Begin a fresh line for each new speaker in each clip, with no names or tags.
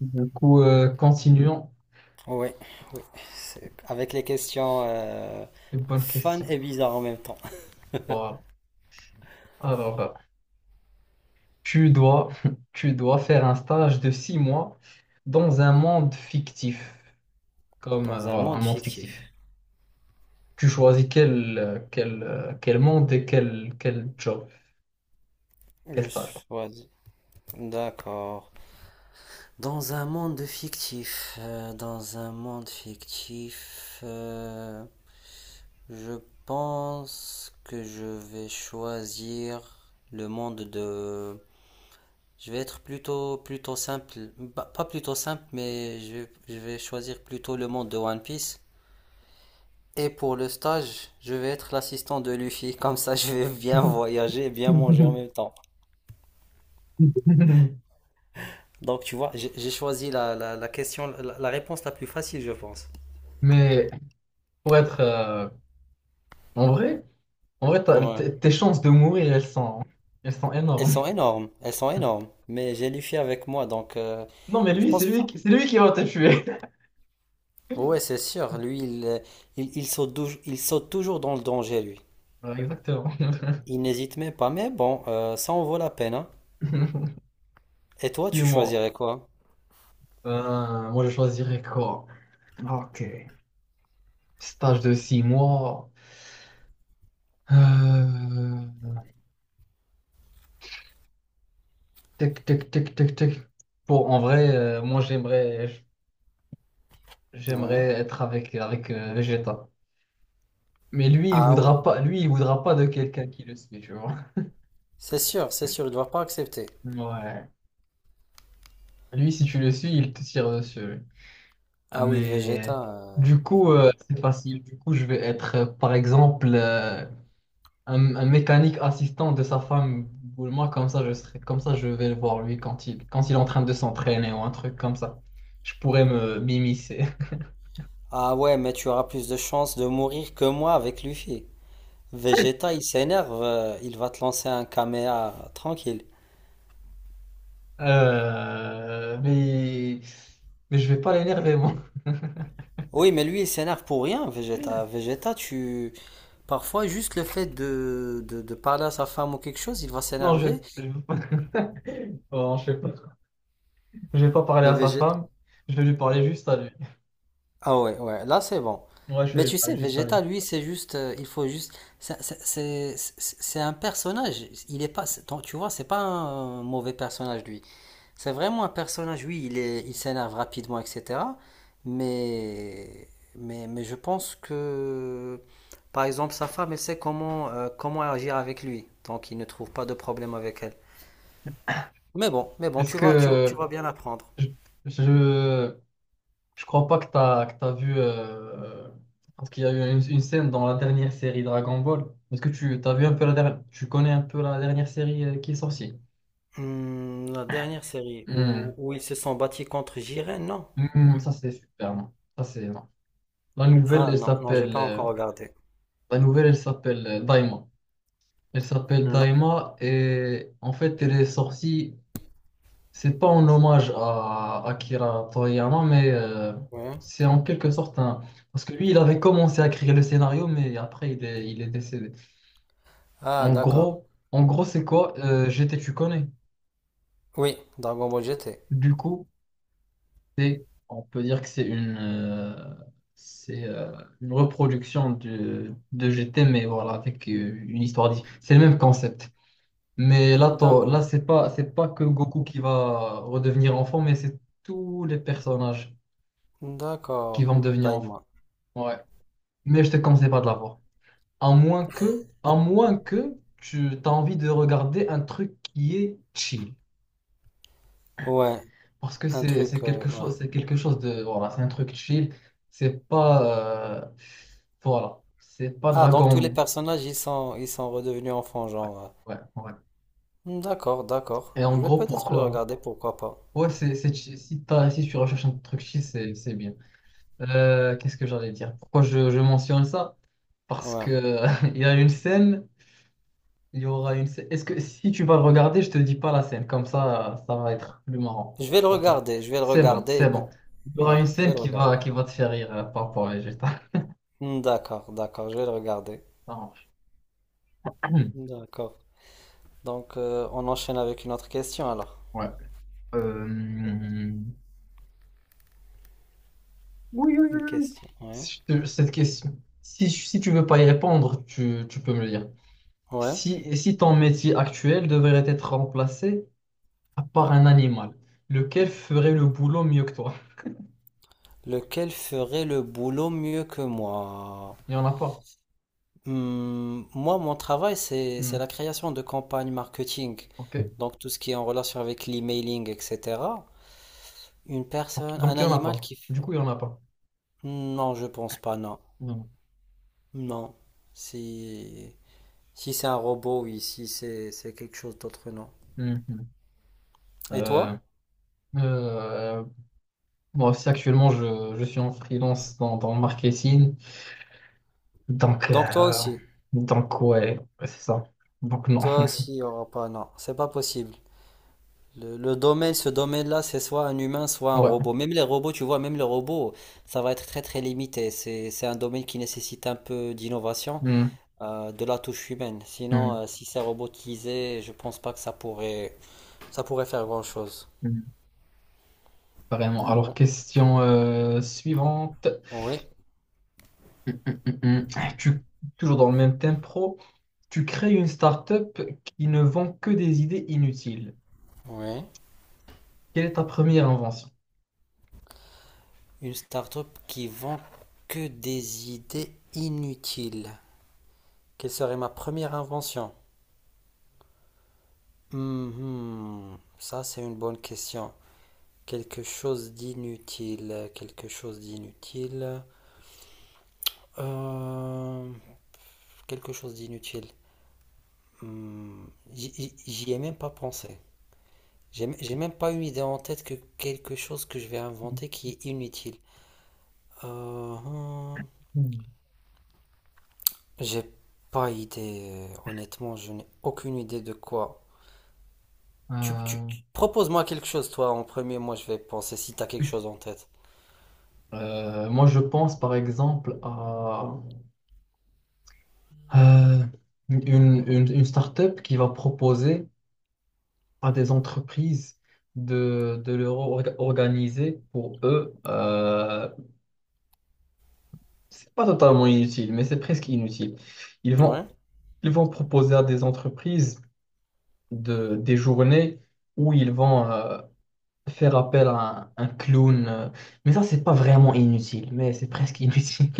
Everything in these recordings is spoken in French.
Continuons.
Oui, oui. Avec les questions
Une bonne
fun
question.
et bizarres en même temps.
Voilà. Alors, tu dois, tu dois faire un stage de six mois dans un monde fictif, comme
Dans un
voilà, un
monde
monde fictif.
fictif.
Tu choisis quel monde et quel job, quel
Je
stage.
choisis. D'accord. Dans un monde fictif. Dans un monde fictif. Je pense que je vais choisir le monde de. Je vais être plutôt simple. Bah, pas plutôt simple, je vais choisir plutôt le monde de One Piece. Et pour le stage, je vais être l'assistant de Luffy, comme ça je vais bien voyager et bien manger en même temps. Donc tu vois, j'ai choisi la question, la réponse la plus facile, je pense.
Mais pour être en vrai, en vrai,
Ouais.
tes chances de mourir, elles sont
Elles
énormes.
sont énormes, elles sont énormes. Mais j'ai Luffy avec moi, donc
Non, mais
je
lui,
pense que ça.
c'est lui qui va te tuer.
Ouais, c'est sûr, lui, il saute toujours dans le danger, lui.
Voilà, exactement.
Il n'hésite même pas, mais bon, ça en vaut la peine, hein. Et toi,
Six
tu
mois.
choisirais quoi?
Moi, je choisirais quoi? Ok. Stage de six mois. Euh, Tic, tic, tic, tic, tic. Pour, en vrai, moi, j'aimerais
Ouais.
être avec Vegeta. Mais lui, il
Ah ouais.
voudra pas, lui, il voudra pas de quelqu'un qui le suit, tu vois.
C'est sûr, il ne doit pas accepter.
Ouais. Lui, si tu le suis, il te tire dessus. Ah,
Ah oui, Vegeta.
mais du coup, c'est facile. Du coup, je vais être, par exemple, un mécanique assistant de sa femme ou moi, comme ça, je serais, comme ça, je vais le voir, lui, quand il est en train de s'entraîner ou un truc comme ça. Je pourrais me m'immiscer.
Ah ouais, mais tu auras plus de chances de mourir que moi avec Luffy. Vegeta, il s'énerve, il va te lancer un caméa tranquille.
Euh, mais, mais je vais pas l'énerver, moi.
Oui, mais lui, il s'énerve pour rien, Vegeta. Vegeta, tu... Parfois, juste le fait de parler à sa femme ou quelque chose, il va
Non,
s'énerver.
je vais pas... Bon, je sais pas. Je vais pas parler
Mais
à sa
Vegeta...
femme, je vais lui parler juste à lui.
Ah ouais, ouais, là, c'est bon.
Ouais, je vais
Mais
lui
tu sais,
parler juste à lui.
Vegeta, lui, c'est juste... il faut juste... c'est un personnage. Il est pas... Tu vois, c'est pas un mauvais personnage, lui. C'est vraiment un personnage, oui, il s'énerve rapidement, etc. Mais, mais je pense que, par exemple, sa femme, elle sait comment, comment agir avec lui. Donc, il ne trouve pas de problème avec elle. Mais bon,
Est-ce
tu
que
vas bien apprendre.
je, je- je crois pas que t'as vu. Parce qu'il y a eu une scène dans la dernière série Dragon Ball. Est-ce que tu t'as vu un peu la dernière. Tu connais un peu la dernière série qui est sortie?
Hmm, la dernière série
Hmm.
où ils se sont battus contre Jiren, non?
Hmm, ça, c'est super. Non. Ça, c'est. Non. La nouvelle,
Ah
elle
non, non, j'ai
s'appelle.
pas encore regardé.
La nouvelle, elle s'appelle Daima. Elle s'appelle
Non.
Daima et en fait, elle est sortie. C'est pas en hommage à Akira Toriyama, mais
Ouais.
c'est en quelque sorte un. Parce que lui, il avait commencé à écrire le scénario, mais après, il est décédé.
Ah, d'accord.
En gros, c'est quoi? GT, tu connais.
Oui, Dragon Ball GT.
Du coup, c'est, on peut dire que c'est une reproduction de GT, mais voilà, avec une histoire c'est le même concept. Mais là,
D'accord.
c'est pas que Goku qui va redevenir enfant, mais c'est tous les personnages qui
D'accord.
vont devenir enfants.
Daima.
Ouais. Mais je te conseille pas de la voir. À moins que tu as envie de regarder un truc qui est chill.
Ouais,
Parce que
un
c'est
truc,
quelque
ouais.
chose, c'est quelque chose de, voilà, c'est un truc chill. C'est pas, voilà, c'est pas
Ah, donc tous les
Dragon.
personnages, ils sont redevenus enfants, genre.
Ouais, ouais, ouais.
Hmm, d'accord, d'accord.
Et en
Je vais
gros,
peut-être le
pourquoi?
regarder, pourquoi pas.
Ouais, si t'as, si tu recherches un truc chill, c'est bien. Qu'est-ce que j'allais dire? Pourquoi je mentionne ça? Parce
Ouais.
que il y a une scène, il y aura une scène. Est-ce que si tu vas le regarder, je te dis pas la scène, comme ça va être plus marrant
Je vais le
pour toi.
regarder, je vais le
C'est bon,
regarder.
c'est bon. Il y aura
Ouais,
une
je vais
scène
le regarder.
qui va te faire rire, par rapport à Vegeta.
Hmm, d'accord, d'accord, je vais le regarder.
Hmm,
D'accord. Donc, on enchaîne avec une autre question, alors.
ouais. Euh,
Une question, ouais.
si je te- Cette question, si, tu veux pas y répondre, tu peux me le dire.
Ouais.
Si, si ton métier actuel devrait être remplacé par un animal, lequel ferait le boulot mieux que toi?
Lequel ferait le boulot mieux que moi?
Il n'y en a pas.
Hmm, moi, mon travail,
Hmm,
c'est la création de campagnes marketing.
ok.
Donc, tout ce qui est en relation avec l'emailing, etc. Une
Ok,
personne,
donc
un
il n'y en a
animal
pas.
qui...
Du coup, il n'y en a pas.
Non, je pense pas, non.
Vraiment.
Non. Si, si c'est un robot, oui. Si c'est quelque chose d'autre, non.
Mhm.
Et
Euh,
toi?
euh, Moi aussi, actuellement, je suis en freelance dans le marketing. Donc,
Donc toi
euh,
aussi.
donc ouais, c'est ça. Donc non.
Toi aussi, il n'y aura pas, non. C'est pas possible. Le domaine, ce domaine-là, c'est soit un humain, soit un
Ouais.
robot. Même les robots, tu vois, même les robots, ça va être très limité. C'est un domaine qui nécessite un peu d'innovation,
Hmm.
de la touche humaine. Sinon,
Hmm,
si c'est robotisé, je pense pas que ça pourrait faire grand-chose.
hmm, vraiment.
Mais
Alors,
bon,
question suivante.
oui.
Hmm, hmm, hmm, hmm. Toujours dans le même thème pro, tu crées une start-up qui ne vend que des idées inutiles.
Ouais.
Quelle est ta première invention?
Une start-up qui vend que des idées inutiles. Quelle serait ma première invention? Mhm. Ça, c'est une bonne question. Quelque chose d'inutile. Quelque chose d'inutile. Euh, quelque chose d'inutile. Hmm, j'y ai même pas pensé. J'ai même pas une idée en tête que quelque chose que je vais inventer qui est inutile. Euh, hmm.
Hmm.
J'ai pas idée, honnêtement, je n'ai aucune idée de quoi.
Euh,
Propose-moi quelque chose, toi, en premier, moi je vais penser si t'as quelque chose en tête.
Moi, je pense par exemple à euh, une start-up qui va proposer à des entreprises de leur organiser pour eux c'est pas totalement inutile, mais c'est presque inutile. Ils
Ouais.
vont, ils vont proposer à des entreprises de, des journées où ils vont faire appel à un clown. Mais ça, c'est pas vraiment inutile, mais c'est presque inutile.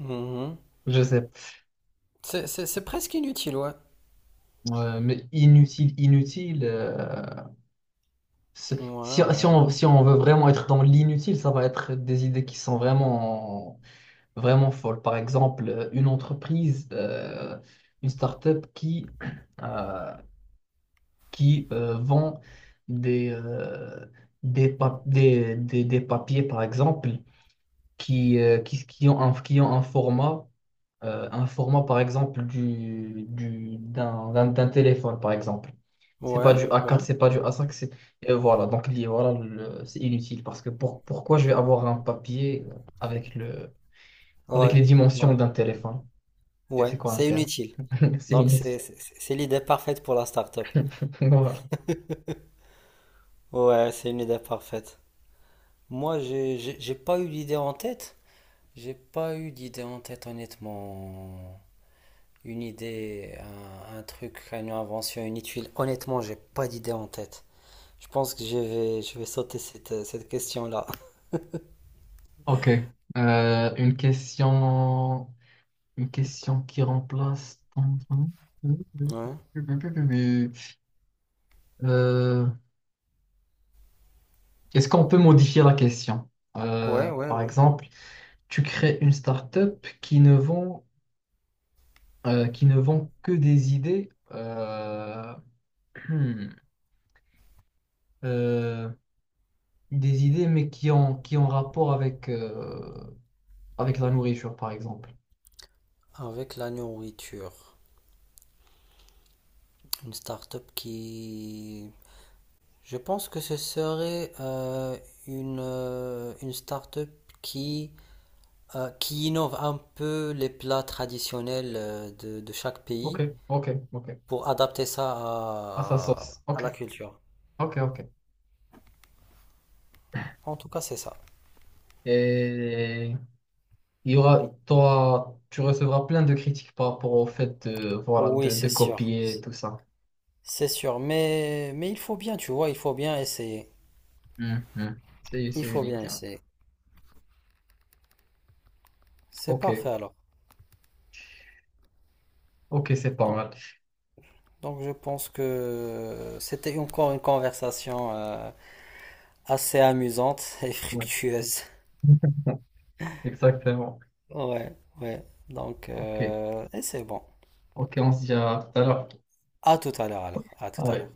Mhm.
Je sais. Pas.
C'est, c'est presque inutile, ouais.
Ouais, mais inutile, inutile.
Ouais,
Si,
ouais, ouais.
si on veut vraiment être dans l'inutile, ça va être des idées qui sont vraiment, vraiment folles. Par exemple, une entreprise, une start-up qui. euh, vend des, des papiers, par exemple, qui ont un format, par exemple, d'un téléphone, par exemple. C'est pas
Ouais,
du a
ouais.
quatre c'est pas du a cinq c'est... et voilà, voilà, c'est inutile parce que pourquoi je vais avoir un papier avec le, avec
Ouais,
les dimensions
ouais.
d'un téléphone? Et c'est
Ouais,
quoi un
c'est
téléphone?
inutile.
C'est
Donc
inutile.
c'est l'idée parfaite pour la start-up.
Voilà.
Ouais, c'est une idée parfaite. Moi, j'ai pas eu d'idée en tête. J'ai pas eu d'idée en tête, honnêtement. Un truc, une invention, une tuile. Honnêtement, j'ai pas d'idée en tête. Je pense que je vais sauter cette question-là.
Ok. Une question. Une question qui remplace ton...
Ouais,
Euh, est-ce qu'on peut modifier la question?
ouais, ouais,
Par
ouais.
exemple, tu crées une start-up qui ne vend que des idées, hmm, euh, des idées, mais qui ont rapport avec, avec la nourriture, par exemple.
Avec la nourriture, une start-up qui... Je pense que ce serait une start-up qui, qui innove un peu les plats traditionnels de chaque
Ok,
pays
ok, ok.
pour adapter ça
Ah, ça sauce.
à
Ok,
la culture.
ok, ok.
En tout cas, c'est ça.
Et il y aura, tu recevras plein de critiques par rapport au fait de, voilà,
Oui,
de
c'est sûr.
copier tout ça.
C'est sûr, mais il faut bien, tu vois, il faut bien essayer. Il
C'est
faut bien
unique. Hein.
essayer. C'est
Ok,
parfait alors.
ok, c'est pas
Bon.
mal.
Donc je pense que c'était encore une conversation assez amusante et
Ouais.
fructueuse.
Exactement.
Ouais, ouais. Donc,
Ok,
et c'est bon.
ok, on se dit à tout à l'heure.
À tout à l'heure alors. À tout à l'heure.
Allez.